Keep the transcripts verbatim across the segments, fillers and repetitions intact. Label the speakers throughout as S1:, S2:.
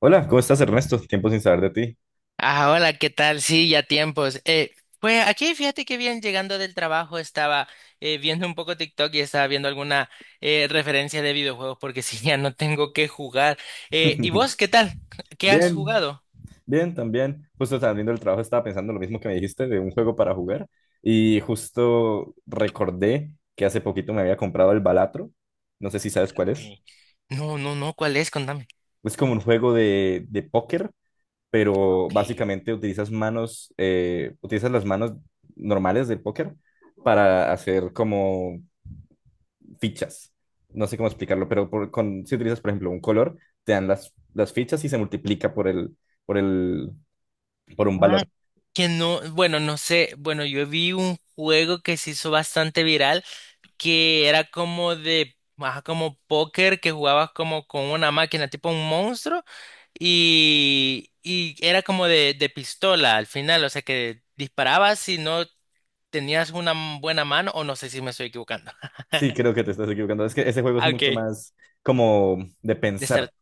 S1: Hola, ¿cómo estás, Ernesto? Tiempo sin saber de
S2: Ah, hola, ¿qué tal? Sí, ya tiempos. Eh, pues aquí fíjate que bien, llegando del trabajo estaba eh, viendo un poco TikTok y estaba viendo alguna eh, referencia de videojuegos porque si ya no tengo que jugar.
S1: ti.
S2: Eh, ¿y vos qué tal? ¿Qué has
S1: Bien,
S2: jugado?
S1: bien, también. Justo saliendo del trabajo estaba pensando lo mismo que me dijiste de un juego para jugar y justo recordé que hace poquito me había comprado el Balatro. No sé si sabes cuál es.
S2: Okay. No, no, no, ¿cuál es? Contame.
S1: Es como un juego de, de póker, pero
S2: Okay.
S1: básicamente utilizas manos, eh, utilizas las manos normales del póker para hacer como fichas. No sé cómo explicarlo, pero por- con, si utilizas, por ejemplo, un color, te dan las, las fichas y se multiplica por el, por el, por un
S2: Ah,
S1: valor.
S2: que no, bueno, no sé, bueno, yo vi un juego que se hizo bastante viral que era como de, ajá, como póker, que jugabas como con una máquina, tipo un monstruo, y, y era como de, de pistola al final, o sea que disparabas si no tenías una m- buena mano, o no sé si me estoy equivocando.
S1: Sí, creo que te estás equivocando. Es que ese juego es
S2: Ah, ok.
S1: mucho
S2: De
S1: más como de pensar.
S2: estra-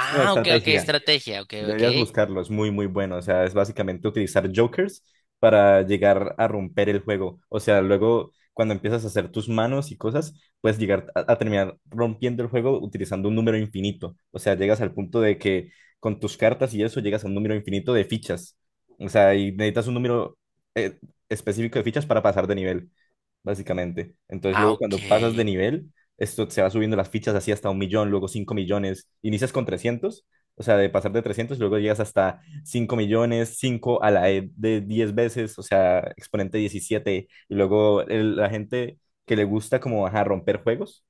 S1: Es como... Ah, ok.
S2: ok, ok,
S1: Estrategia.
S2: estrategia, ok, ok.
S1: Deberías buscarlo, es muy, muy bueno. O sea, es básicamente utilizar jokers para llegar a romper el juego. O sea, luego cuando empiezas a hacer tus manos y cosas, puedes llegar a, a terminar rompiendo el juego utilizando un número infinito. O sea, llegas al punto de que con tus cartas y eso llegas a un número infinito de fichas. O sea, y necesitas un número eh, específico de fichas para pasar de nivel básicamente. Entonces,
S2: Ah,
S1: luego
S2: ok.
S1: cuando pasas de nivel, esto se va subiendo las fichas así hasta un millón, luego cinco millones. Inicias con trescientos, o sea, de pasar de trescientos luego llegas hasta cinco millones, cinco a la E de diez veces, o sea, exponente diecisiete. Y luego el- la gente que le gusta como, ajá, romper juegos,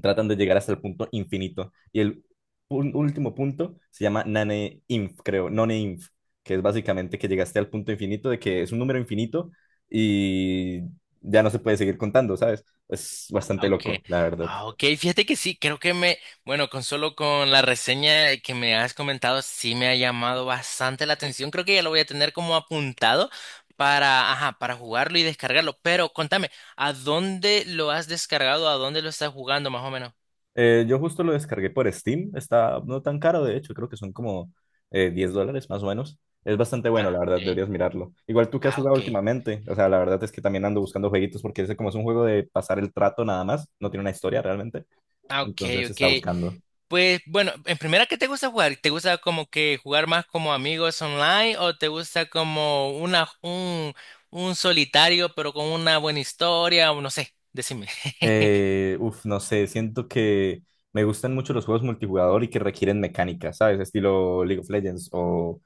S1: tratan de llegar hasta el punto infinito. Y el ul- último punto se llama Nane Inf, creo, None Inf, que es básicamente que llegaste al punto infinito de que es un número infinito y ya no se puede seguir contando, ¿sabes? Es
S2: Ah,
S1: bastante
S2: okay.
S1: loco, la verdad.
S2: Ah, okay, fíjate que sí, creo que me, bueno, con solo con la reseña que me has comentado, sí me ha llamado bastante la atención. Creo que ya lo voy a tener como apuntado para, ajá, para jugarlo y descargarlo. Pero contame, ¿a dónde lo has descargado? ¿A dónde lo estás jugando más o menos?
S1: Eh, yo justo lo descargué por Steam, está no tan caro, de hecho, creo que son como eh, diez dólares más o menos. Es bastante bueno, la
S2: Ah,
S1: verdad,
S2: okay.
S1: deberías mirarlo. Igual tú que has
S2: Ah,
S1: jugado
S2: okay.
S1: últimamente, o sea, la verdad es que también ando buscando jueguitos porque ese como es un juego de pasar el trato nada más, no tiene una historia realmente.
S2: Ah, ok,
S1: Entonces se
S2: ok.
S1: está buscando.
S2: Pues bueno, en primera, ¿qué te gusta jugar? ¿Te gusta como que jugar más como amigos online o te gusta como una, un, un solitario pero con una buena historia o no sé? Decime.
S1: Eh, uf, no sé, siento que me gustan mucho los juegos multijugador y que requieren mecánica, ¿sabes? Estilo League of Legends o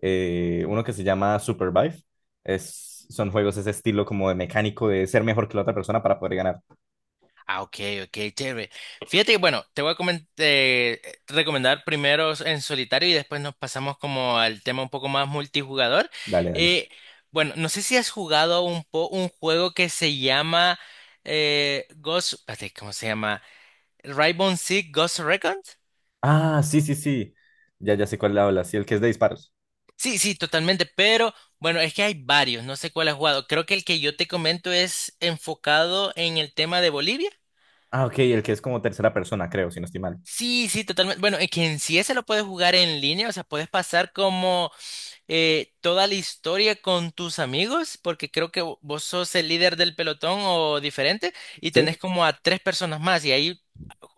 S1: eh, uno que se llama Supervive. Es, son juegos ese estilo como de mecánico, de ser mejor que la otra persona para poder ganar.
S2: Ah, ok, ok, chévere. Fíjate, que, bueno, te voy a comen- eh, recomendar primero en solitario y después nos pasamos como al tema un poco más multijugador.
S1: Dale, dale.
S2: Eh, bueno, no sé si has jugado un, po- un juego que se llama eh, Ghost, espérate, ¿cómo se llama? Rainbow Six Ghost Recon.
S1: Ah, sí, sí, sí. Ya, ya sé cuál habla. Sí, el que es de disparos.
S2: Sí, sí, totalmente, pero bueno, es que hay varios, no sé cuál has jugado. Creo que el que yo te comento es enfocado en el tema de Bolivia.
S1: Ah, ok, el que es como tercera persona, creo, si no estoy mal.
S2: Sí, sí, totalmente. Bueno, es que en sí ese lo puedes jugar en línea, o sea, puedes pasar como eh, toda la historia con tus amigos, porque creo que vo- vos sos el líder del pelotón o diferente, y
S1: Sí.
S2: tenés como a tres personas más, y ahí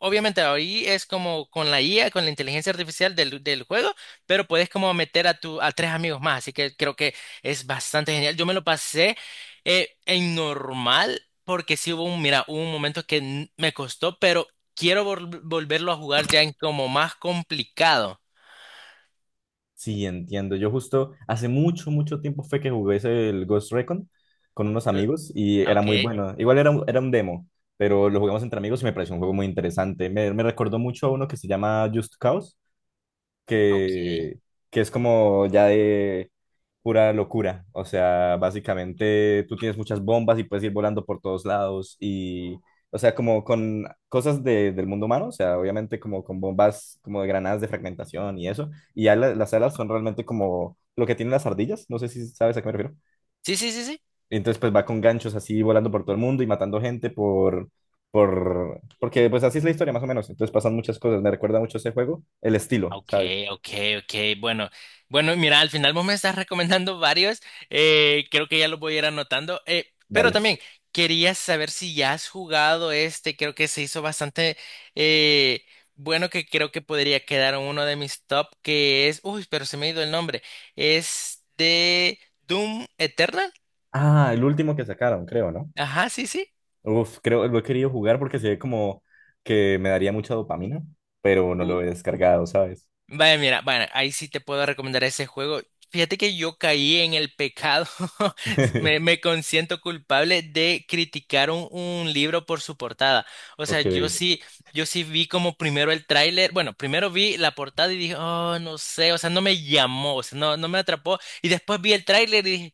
S2: obviamente ahí es como con la I A, con la inteligencia artificial del, del juego, pero puedes como meter a tu, a tres amigos más, así que creo que es bastante genial. Yo me lo pasé eh, en normal porque sí hubo un, mira, hubo un momento que n- me costó, pero quiero vol- volverlo a jugar ya en como más complicado.
S1: Sí, entiendo. Yo justo hace mucho, mucho tiempo fue que jugué ese- el Ghost Recon con unos
S2: Lo-
S1: amigos y era muy
S2: Ok,
S1: bueno. Igual era un, era un demo, pero lo jugamos entre amigos y me pareció un juego muy interesante. Me, me recordó mucho a uno que se llama Just Cause,
S2: ok.
S1: que, que es como ya de pura locura. O sea, básicamente tú tienes muchas bombas y puedes ir volando por todos lados y, o sea, como con cosas de- del mundo humano, o sea, obviamente como con bombas como de granadas de fragmentación y eso. Y ya la- las alas son realmente como lo que tienen las ardillas, no sé si sabes a qué me refiero.
S2: Sí, sí, sí, sí.
S1: Entonces, pues va con ganchos así volando por todo el mundo y matando gente por... Por... Porque pues así es la historia más o menos. Entonces pasan muchas cosas. Me recuerda mucho ese juego. El estilo,
S2: Ok,
S1: ¿sabes?
S2: ok, ok. Bueno, bueno, mira, al final vos me estás recomendando varios. Eh, creo que ya los voy a ir anotando. Eh, pero
S1: Dale.
S2: también quería saber si ya has jugado este. Creo que se hizo bastante eh, bueno, que creo que podría quedar en uno de mis top, que es. Uy, pero se me ha ido el nombre. Es de Doom Eternal.
S1: Ah, el último que sacaron, creo, ¿no?
S2: Ajá, sí, sí.
S1: Uf, creo, lo he querido jugar porque se ve como que me daría mucha dopamina, pero no lo he descargado, ¿sabes?
S2: Vaya, mira, bueno, ahí sí te puedo recomendar ese juego. Fíjate que yo caí en el pecado, me, me consiento culpable de criticar un, un libro por su portada. O sea,
S1: Ok.
S2: yo sí, yo sí vi como primero el tráiler, bueno, primero vi la portada y dije, oh, no sé, o sea, no me llamó, o sea, no, no me atrapó. Y después vi el tráiler y dije,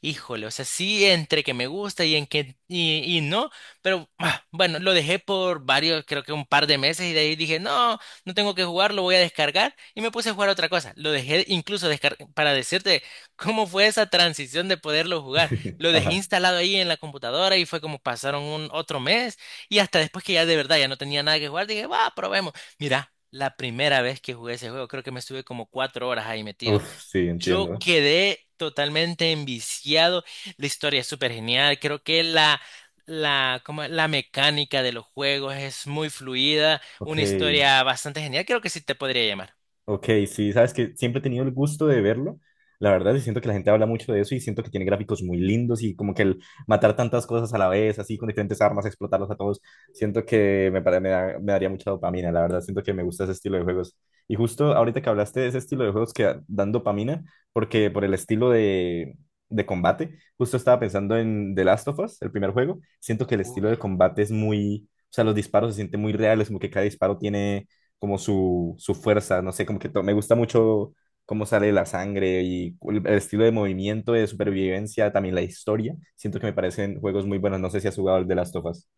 S2: híjole, o sea, sí, entre que me gusta y en que, y, y no, pero ah, bueno, lo dejé por varios, creo que un par de meses y de ahí dije, no no tengo que jugar, lo voy a descargar y me puse a jugar otra cosa. Lo dejé incluso descar- para decirte cómo fue esa transición de poderlo jugar. Lo dejé
S1: Ajá.
S2: instalado ahí en la computadora y fue como pasaron un otro mes y hasta después que ya de verdad ya no tenía nada que jugar, dije, va, probemos. Mira. La primera vez que jugué ese juego, creo que me estuve como cuatro horas ahí metido.
S1: Uf, sí,
S2: Yo
S1: entiendo.
S2: quedé totalmente enviciado. La historia es súper genial. Creo que la, la, como la mecánica de los juegos es muy fluida.
S1: Ok.
S2: Una historia bastante genial. Creo que sí te podría llamar.
S1: Ok, sí, sabes que siempre he tenido el gusto de verlo. La verdad, y siento que la gente habla mucho de eso y siento que tiene gráficos muy lindos y como que el matar tantas cosas a la vez, así con diferentes armas, explotarlos a todos, siento que me, pare- me, da- me daría mucha dopamina. La verdad, siento que me gusta ese estilo de juegos. Y justo ahorita que hablaste de ese estilo de juegos que dan dopamina, porque por el estilo de, de combate, justo estaba pensando en The Last of Us, el primer juego. Siento que el estilo de combate es muy, o sea, los disparos se sienten muy reales, como que cada disparo tiene como su, su fuerza, no sé, como que to- me gusta mucho cómo sale la sangre y cu- el, estilo de movimiento, de supervivencia, también la historia. Siento que me parecen juegos muy buenos, no sé si has jugado el de las tofas.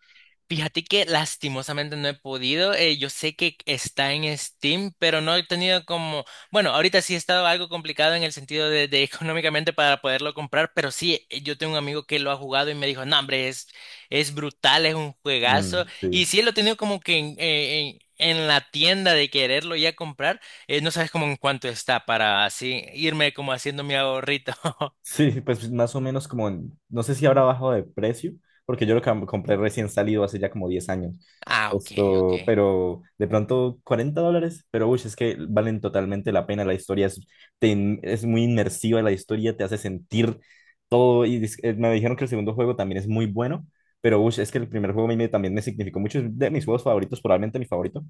S2: Fíjate que lastimosamente no he podido. Eh, yo sé que está en Steam, pero no he tenido como, bueno, ahorita sí he estado algo complicado en el sentido de, de económicamente para poderlo comprar, pero sí, eh, yo tengo un amigo que lo ha jugado y me dijo, no, hombre, es, es brutal, es un juegazo.
S1: Mm, sí.
S2: Y sí lo he tenido como que en, eh, en- en la tienda de quererlo ya comprar, eh, no sabes como en cuánto está para así irme como haciendo mi ahorrito.
S1: Sí, pues más o menos como, en- no sé si habrá bajado de precio, porque yo lo cam- compré recién salido hace ya como diez años.
S2: Ah, ok, ok.
S1: Esto, pero de pronto cuarenta dólares, pero uy, es que valen totalmente la pena. La historia es, te in- es muy inmersiva, la historia te hace sentir todo y dis- eh, me dijeron que el segundo juego también es muy bueno, pero ush, es que el primer juego a mí me- también me significó mucho, es de mis juegos favoritos, probablemente mi favorito.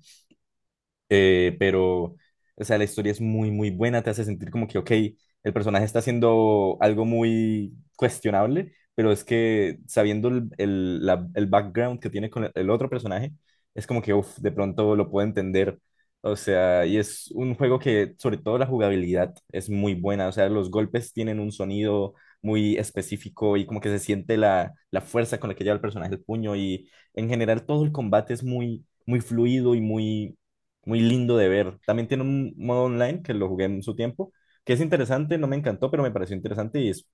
S1: Eh, pero, o sea, la historia es muy, muy buena, te hace sentir como que, ok, el personaje está haciendo algo muy cuestionable, pero es que sabiendo el, el, la- el background que tiene con el, el otro personaje, es como que, uff, de pronto lo puedo entender. O sea, y es un juego que, sobre todo la jugabilidad, es muy buena. O sea, los golpes tienen un sonido muy específico y como que se siente la, la fuerza con la que lleva el personaje el puño y en general todo el combate es muy, muy fluido y muy muy lindo de ver. También tiene un modo online que lo jugué en su tiempo, que es interesante, no me encantó, pero me pareció interesante y es,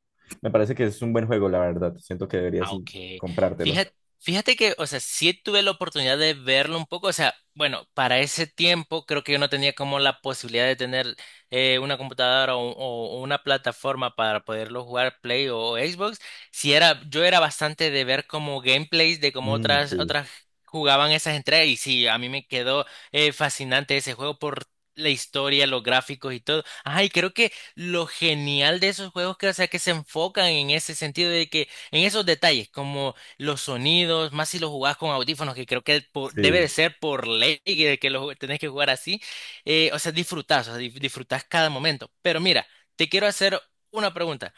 S1: me parece que es un buen juego, la verdad. Siento que deberías in-
S2: Aunque,
S1: comprártelo.
S2: fíjate, fíjate que, o sea, sí tuve la oportunidad de verlo un poco, o sea, bueno, para ese tiempo creo que yo no tenía como la posibilidad de tener eh, una computadora o, o- una plataforma para poderlo jugar Play o, o Xbox. Si era, yo era bastante de ver como gameplays de cómo
S1: Mm,
S2: otras,
S1: sí,
S2: otras jugaban esas entregas y sí, a mí me quedó eh, fascinante ese juego por la historia, los gráficos y todo. Ay, creo que lo genial de esos juegos que, o sea, que se enfocan en ese sentido de que en esos detalles, como los sonidos, más si lo jugás con audífonos, que creo que por- debe de
S1: sí.
S2: ser por ley que, que lo tenés que jugar así, eh, o sea, disfrutás, o sea, dif- disfrutás cada momento. Pero mira, te quiero hacer una pregunta.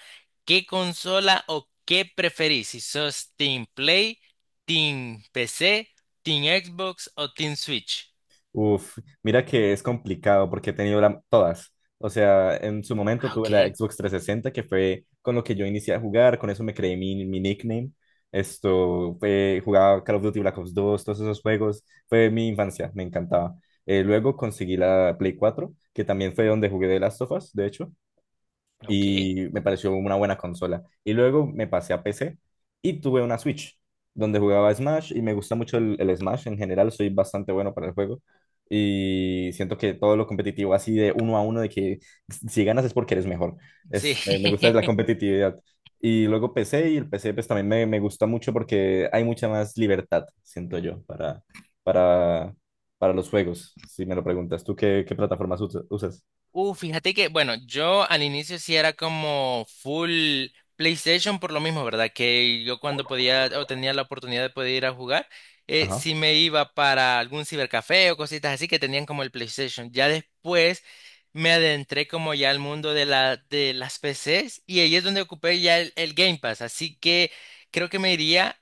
S2: ¿Qué consola o qué preferís? Si sos Team Play, Team P C, Team Xbox o Team Switch.
S1: Uf, mira que es complicado porque he tenido la- todas. O sea, en su momento
S2: Ah,
S1: tuve la
S2: ok,
S1: Xbox trescientos sesenta, que fue con lo que yo inicié a jugar, con eso me creé mi, mi nickname. Esto, fue- jugaba Call of Duty Black Ops dos, todos esos juegos. Fue mi infancia, me encantaba. Eh, luego conseguí la Play cuatro, que también fue donde jugué de Last of Us, de hecho,
S2: ok,
S1: y me pareció una buena consola. Y luego me pasé a P C y tuve una Switch donde jugaba Smash y me gusta mucho el, el Smash en general, soy bastante bueno para el juego y siento que todo lo competitivo así de uno a uno, de que si ganas es porque eres mejor,
S2: sí.
S1: es, me, me gusta la competitividad. Y luego P C, y el P C pues también me, me gusta mucho porque hay mucha más libertad, siento yo, para, para, para los juegos, si me lo preguntas. ¿Tú qué, qué plataformas usas?
S2: Uh, fíjate que, bueno, yo al inicio sí era como full PlayStation por lo mismo, ¿verdad? Que yo cuando podía o tenía la oportunidad de poder ir a jugar, eh,
S1: Ajá,
S2: sí me iba para algún cibercafé o cositas así que tenían como el PlayStation. Ya después me adentré como ya al mundo de la, de las P Cs y ahí es donde ocupé ya el, el Game Pass. Así que creo que me iría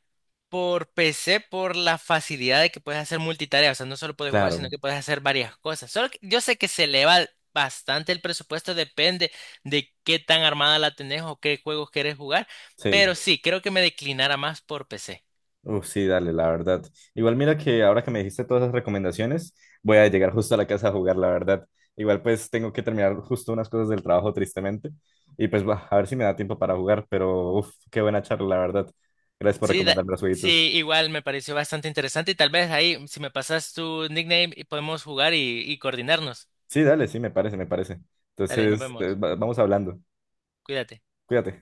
S2: por P C por la facilidad de que puedes hacer multitarea, o sea, no solo puedes jugar, sino
S1: claro,
S2: que puedes hacer varias cosas. Solo que yo sé que se le va bastante el presupuesto, depende de qué tan armada la tenés o qué juegos querés jugar,
S1: sí.
S2: pero sí, creo que me declinara más por P C.
S1: Uf, sí, dale, la verdad. Igual mira que ahora que me dijiste todas esas recomendaciones, voy a llegar justo a la casa a jugar, la verdad. Igual pues tengo que terminar justo unas cosas del trabajo, tristemente. Y pues va, a ver si me da tiempo para jugar, pero uf, qué buena charla, la verdad. Gracias por
S2: Sí, da-
S1: recomendarme los jueguitos.
S2: sí, igual me pareció bastante interesante y tal vez ahí, si me pasas tu nickname, y podemos jugar y, y coordinarnos.
S1: Sí, dale, sí, me parece, me parece.
S2: Dale, nos
S1: Entonces, eh,
S2: vemos.
S1: va- vamos hablando.
S2: Cuídate.
S1: Cuídate.